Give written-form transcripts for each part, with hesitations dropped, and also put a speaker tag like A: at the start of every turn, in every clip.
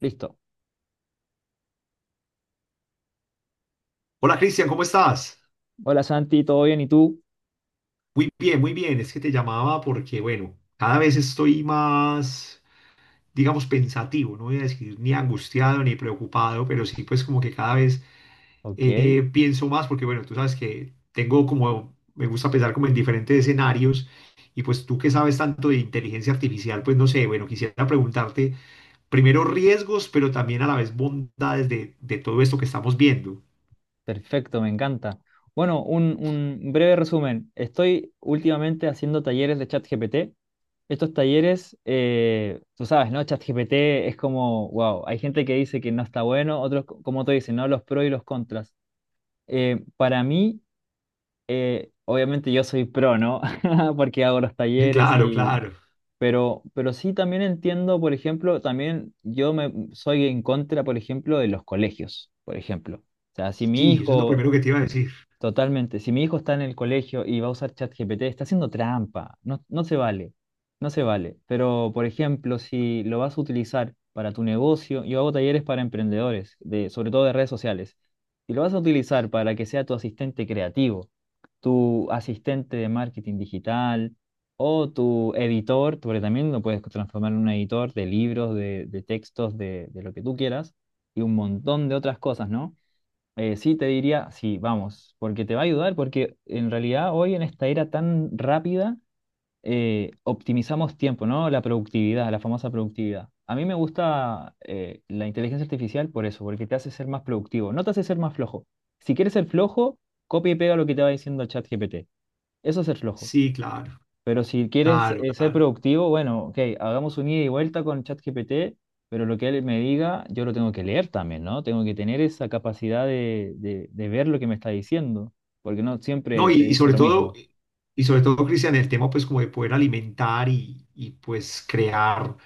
A: Listo.
B: Hola Cristian, ¿cómo estás?
A: Hola Santi, ¿todo bien? ¿Y tú?
B: Muy bien, muy bien. Es que te llamaba porque, bueno, cada vez estoy más, digamos, pensativo. No voy a decir ni angustiado ni preocupado, pero sí, pues como que cada vez
A: Ok,
B: pienso más porque, bueno, tú sabes que tengo como, me gusta pensar como en diferentes escenarios y pues tú que sabes tanto de inteligencia artificial, pues no sé, bueno, quisiera preguntarte primero riesgos, pero también a la vez bondades de todo esto que estamos viendo.
A: perfecto, me encanta. Bueno, un breve resumen. Estoy últimamente haciendo talleres de ChatGPT. Estos talleres, tú sabes, ¿no? ChatGPT es como, wow, hay gente que dice que no está bueno, otros, como tú dices, ¿no? Los pros y los contras. Para mí, obviamente yo soy pro, ¿no? Porque hago los talleres.
B: Claro, claro.
A: Pero sí también entiendo, por ejemplo, también yo me soy en contra, por ejemplo, de los colegios, por ejemplo. O sea, si mi
B: Sí, eso es lo
A: hijo...
B: primero que te iba a decir.
A: Totalmente. Si mi hijo está en el colegio y va a usar ChatGPT, está haciendo trampa. No, no se vale. No se vale. Pero, por ejemplo, si lo vas a utilizar para tu negocio, yo hago talleres para emprendedores, de, sobre todo de redes sociales. Si lo vas a utilizar para que sea tu asistente creativo, tu asistente de marketing digital o tu editor, porque también lo puedes transformar en un editor de libros, de textos, de lo que tú quieras y un montón de otras cosas, ¿no? Sí, te diría, sí, vamos, porque te va a ayudar, porque en realidad hoy en esta era tan rápida optimizamos tiempo, ¿no? La productividad, la famosa productividad. A mí me gusta la inteligencia artificial por eso, porque te hace ser más productivo, no te hace ser más flojo. Si quieres ser flojo, copia y pega lo que te va diciendo el chat GPT. Eso es ser flojo.
B: Sí, claro.
A: Pero si quieres
B: Claro,
A: ser
B: claro.
A: productivo, bueno, ok, hagamos un ida y vuelta con ChatGPT, pero lo que él me diga, yo lo tengo que leer también, ¿no? Tengo que tener esa capacidad de, de ver lo que me está diciendo, porque no
B: No,
A: siempre
B: y,
A: te
B: y
A: dice
B: sobre
A: lo
B: todo,
A: mismo.
B: y sobre todo, Cristian, el tema pues como de poder alimentar y pues crear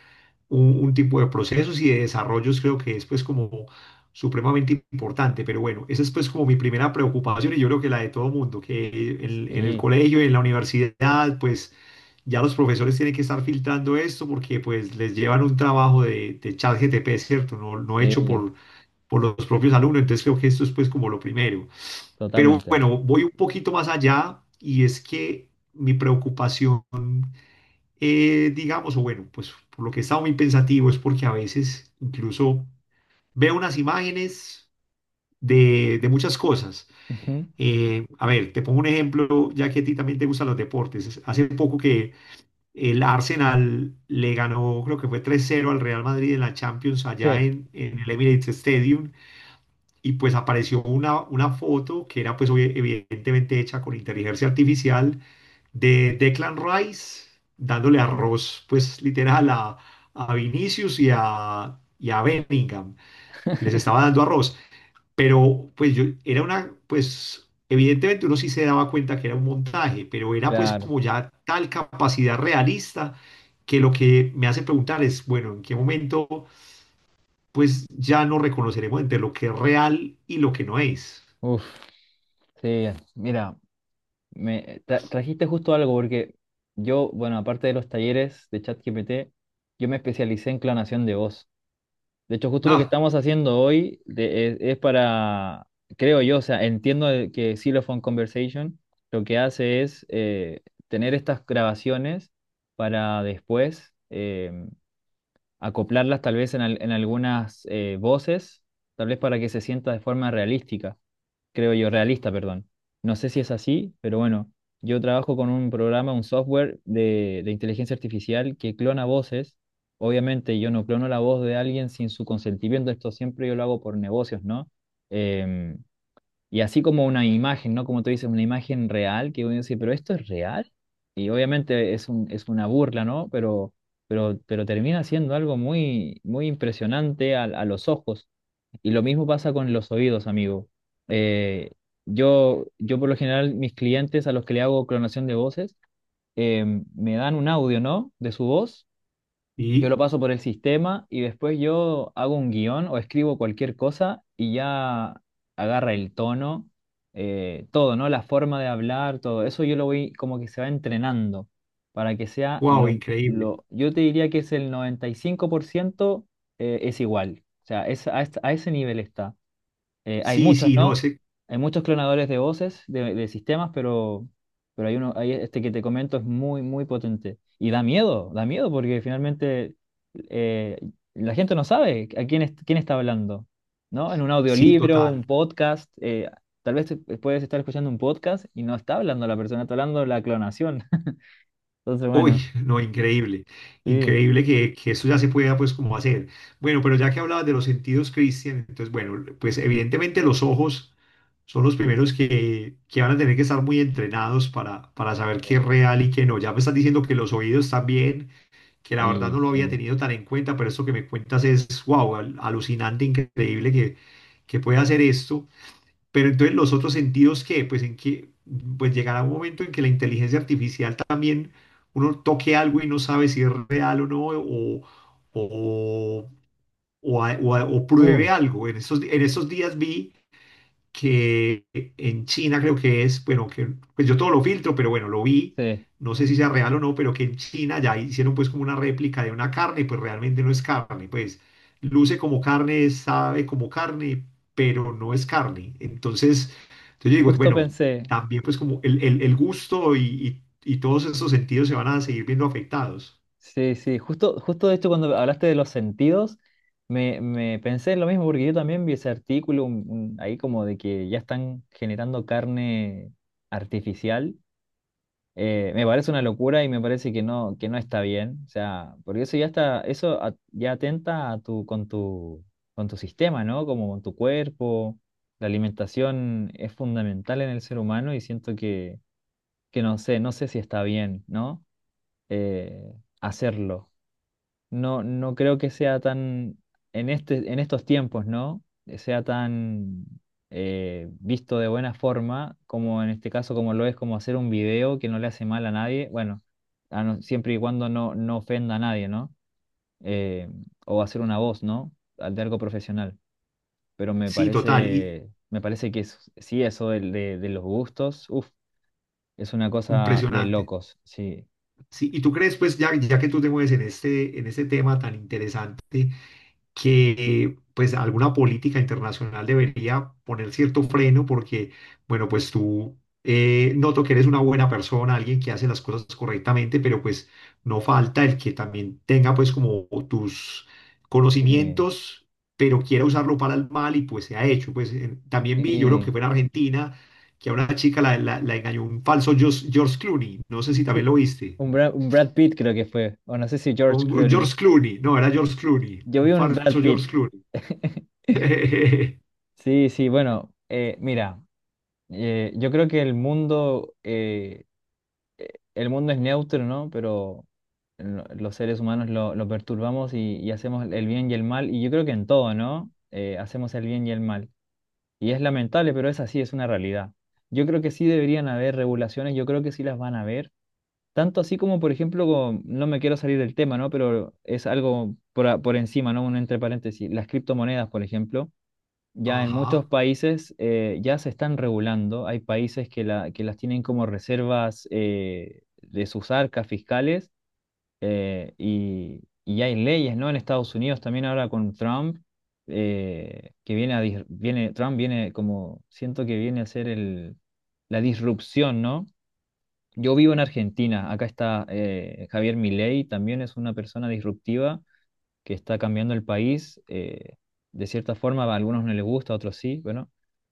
B: un tipo de procesos y de desarrollos creo que es pues como supremamente importante. Pero bueno, esa es pues como mi primera preocupación y yo creo que la de todo mundo, que en el
A: Sí,
B: colegio, en la universidad, pues ya los profesores tienen que estar filtrando esto porque pues les llevan un trabajo de chat GTP, ¿cierto? No hecho
A: sí,
B: por los propios alumnos. Entonces creo que esto es pues como lo primero. Pero
A: totalmente.
B: bueno, voy un poquito más allá y es que mi preocupación, digamos, o bueno, pues por lo que he estado muy pensativo es porque a veces incluso veo unas imágenes de muchas cosas.
A: Ujú.
B: A ver, te pongo un ejemplo, ya que a ti también te gustan los deportes. Hace poco que el Arsenal le ganó, creo que fue tres cero al Real Madrid en la Champions allá
A: Sí,
B: en el Emirates Stadium y pues apareció una foto que era pues evidentemente hecha con inteligencia artificial de Declan Rice dándole arroz pues literal a Vinicius y a Bellingham. Les estaba dando arroz, pero pues yo era una pues evidentemente uno sí se daba cuenta que era un montaje, pero era pues
A: claro.
B: como ya tal capacidad realista que lo que me hace preguntar es, bueno, ¿en qué momento pues ya no reconoceremos entre lo que es real y lo que no es?
A: Uf, sí, mira, me trajiste justo algo, porque yo, bueno, aparte de los talleres de ChatGPT, yo me especialicé en clonación de voz. De hecho, justo lo que
B: Ah,
A: estamos haciendo hoy es para, creo yo, o sea, entiendo que Xylophone Conversation lo que hace es tener estas grabaciones para después acoplarlas tal vez en, en algunas voces, tal vez para que se sienta de forma realística creo yo, realista, perdón. No sé si es así, pero bueno, yo trabajo con un programa, un software de inteligencia artificial que clona voces. Obviamente yo no clono la voz de alguien sin su consentimiento, esto siempre yo lo hago por negocios, ¿no? Em, y así como una imagen, ¿no? Como tú dices, una imagen real, que uno dice, pero esto es real. Y obviamente es un, es una burla, ¿no? Pero termina siendo algo muy, muy impresionante a los ojos. Y lo mismo pasa con los oídos, amigo. Eh, yo por lo general, mis clientes a los que le hago clonación de voces, eh, me dan un audio, ¿no? De su voz. Yo
B: y
A: lo paso por el sistema y después yo hago un guión o escribo cualquier cosa y ya agarra el tono, todo, ¿no? La forma de hablar, todo. Eso yo lo voy como que se va entrenando para que sea
B: wow, increíble.
A: yo te diría que es el 95% es igual. O sea, es, a, a ese nivel está. Hay
B: Sí,
A: muchos,
B: sí, no
A: ¿no?
B: sé,
A: Hay muchos clonadores de voces, de sistemas, pero hay uno, hay este que te comento es muy, muy potente. Y da miedo porque finalmente eh, la gente no sabe a quién, quién está hablando, ¿no? En un
B: sí,
A: audiolibro, un
B: total.
A: podcast, tal vez puedes estar escuchando un podcast y no está hablando la persona, está hablando la clonación. Entonces,
B: Uy,
A: bueno,
B: no, increíble.
A: sí.
B: Increíble que eso ya se pueda, pues, como hacer. Bueno, pero ya que hablabas de los sentidos, Cristian, entonces, bueno, pues, evidentemente los ojos son los primeros que van a tener que estar muy entrenados para saber qué es
A: Sí.
B: real y qué no. Ya me estás diciendo que los oídos también, que la verdad
A: Y
B: no lo había
A: sí.
B: tenido tan en cuenta, pero esto que me cuentas es, wow, alucinante, increíble que pueda hacer esto. Pero entonces los otros sentidos que, pues en que, pues llegará un momento en que la inteligencia artificial también uno toque algo y no sabe si es real o no, o, o
A: Uh,
B: pruebe algo. En estos días vi que en China creo que es, bueno, que pues yo todo lo filtro, pero bueno, lo vi,
A: sí.
B: no sé si sea real o no, pero que en China ya hicieron pues como una réplica de una carne, pues realmente no es carne, pues luce como carne, sabe como carne, pero no es carne. Entonces, entonces yo digo,
A: Justo
B: bueno,
A: pensé.
B: también pues como el gusto y todos esos sentidos se van a seguir viendo afectados.
A: Sí, sí, justo, justo de hecho cuando hablaste de los sentidos, me pensé en lo mismo, porque yo también vi ese artículo ahí como de que ya están generando carne artificial. Me parece una locura y me parece que no está bien. O sea, porque eso ya está, eso ya atenta a tu, con tu, con tu sistema, ¿no? Como con tu cuerpo. La alimentación es fundamental en el ser humano y siento que no sé, no sé si está bien, ¿no? Eh, hacerlo. No, no creo que sea tan, en este, en estos tiempos, ¿no? Sea tan visto de buena forma como en este caso, como lo es como hacer un video que no le hace mal a nadie, bueno, a no- siempre y cuando no, no ofenda a nadie, ¿no? Eh, o hacer una voz, ¿no? Al de algo profesional. Pero
B: Sí, total, y
A: me parece que sí, eso de los gustos, uf, es una cosa de
B: impresionante.
A: locos, sí.
B: Sí, y tú crees, pues ya, ya que tú te mueves en este tema tan interesante, que pues alguna política internacional debería poner cierto freno porque, bueno, pues tú noto que eres una buena persona, alguien que hace las cosas correctamente, pero pues no falta el que también tenga pues como tus
A: Sí.
B: conocimientos, pero quiera usarlo para el mal y pues se ha hecho. Pues también vi, yo creo
A: Y...
B: que fue en Argentina, que a una chica la engañó un falso George, George Clooney, no sé si también
A: Sí.
B: lo viste.
A: Un Brad Pitt creo que fue, o no sé si George
B: Un
A: Clooney.
B: George Clooney, no, era George Clooney,
A: Yo vi
B: un
A: un Brad
B: falso
A: Pitt.
B: George Clooney.
A: Sí, sí, bueno, mira, yo creo que eh, el mundo es neutro, ¿no? Pero los seres humanos lo perturbamos y hacemos el bien y el mal, y yo creo que en todo, ¿no? Hacemos el bien y el mal. Y es lamentable, pero es así, es una realidad. Yo creo que sí deberían haber regulaciones, yo creo que sí las van a haber. Tanto así como, por ejemplo, no me quiero salir del tema, ¿no? Pero es algo por, por encima, ¿no? Un entre paréntesis. Las criptomonedas, por ejemplo, ya en muchos
B: Ajá,
A: países ya se están regulando. Hay países que, la, que las tienen como reservas de sus arcas fiscales y hay leyes, ¿no? En Estados Unidos también ahora con Trump, que viene a, viene, Trump viene como, siento que viene a ser el, la disrupción, ¿no? Yo vivo en Argentina, acá está Javier Milei, también es una persona disruptiva que está cambiando el país. De cierta forma, a algunos no les gusta, a otros sí, bueno,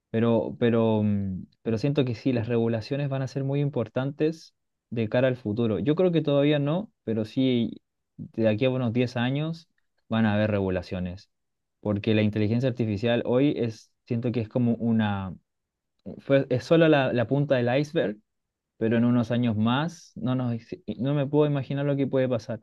A: pero, pero siento que sí, las regulaciones van a ser muy importantes de cara al futuro. Yo creo que todavía no, pero sí, de aquí a unos 10 años van a haber regulaciones, porque la inteligencia artificial hoy es, siento que es como una, es solo la punta del iceberg, pero en unos años más no, nos, no me puedo imaginar lo que puede pasar,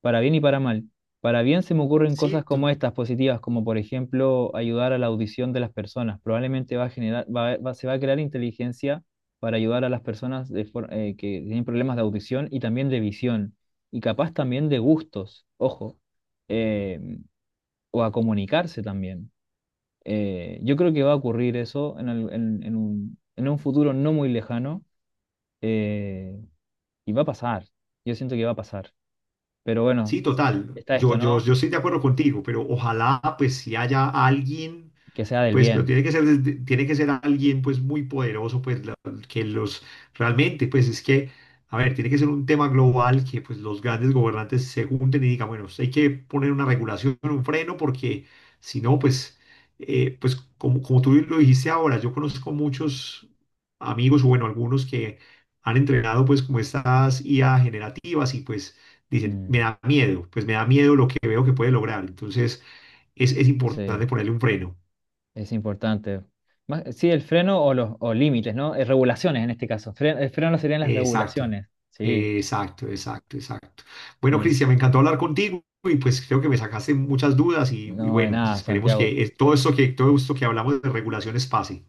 A: para bien y para mal. Para bien se me ocurren cosas
B: sí,
A: como
B: to-
A: estas positivas, como por ejemplo ayudar a la audición de las personas. Probablemente va a generar, se va a crear inteligencia para ayudar a las personas que tienen problemas de audición y también de visión y capaz también de gustos, ojo, eh, o a comunicarse también. Yo creo que va a ocurrir eso en, en un futuro no muy lejano. eh, y va a pasar. Yo siento que va a pasar. Pero bueno,
B: sí, total.
A: está esto,
B: Yo, yo,
A: ¿no?
B: yo estoy de acuerdo contigo, pero ojalá pues si haya alguien.
A: Que sea del
B: Pues, pero
A: bien.
B: tiene que ser, tiene que ser alguien pues muy poderoso, pues la- que los realmente, pues es que, a ver, tiene que ser un tema global que pues los grandes gobernantes se junten y digan, bueno, hay que poner una regulación, un freno, porque si no, pues, pues como, como tú lo dijiste ahora, yo conozco muchos amigos, o bueno, algunos que han entrenado pues como estas IA generativas y pues dicen, me
A: Mm,
B: da miedo, pues me da miedo lo que veo que puede lograr. Entonces, es importante
A: sí,
B: ponerle un freno.
A: es importante. Sí, el freno o los o límites, ¿no? Regulaciones en este caso. El freno serían las
B: Exacto,
A: regulaciones. Sí,
B: exacto, exacto, exacto. Bueno,
A: sí.
B: Cristian, me encantó hablar contigo y pues creo que me sacaste muchas dudas y
A: No, de
B: bueno, pues
A: nada,
B: esperemos
A: Santiago.
B: que todo esto que, todo esto que hablamos de regulaciones pase.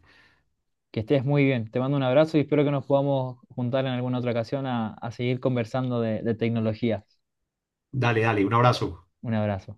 A: Que estés muy bien. Te mando un abrazo y espero que nos podamos juntar en alguna otra ocasión a seguir conversando de tecnología.
B: Dale, dale, un abrazo.
A: Un abrazo.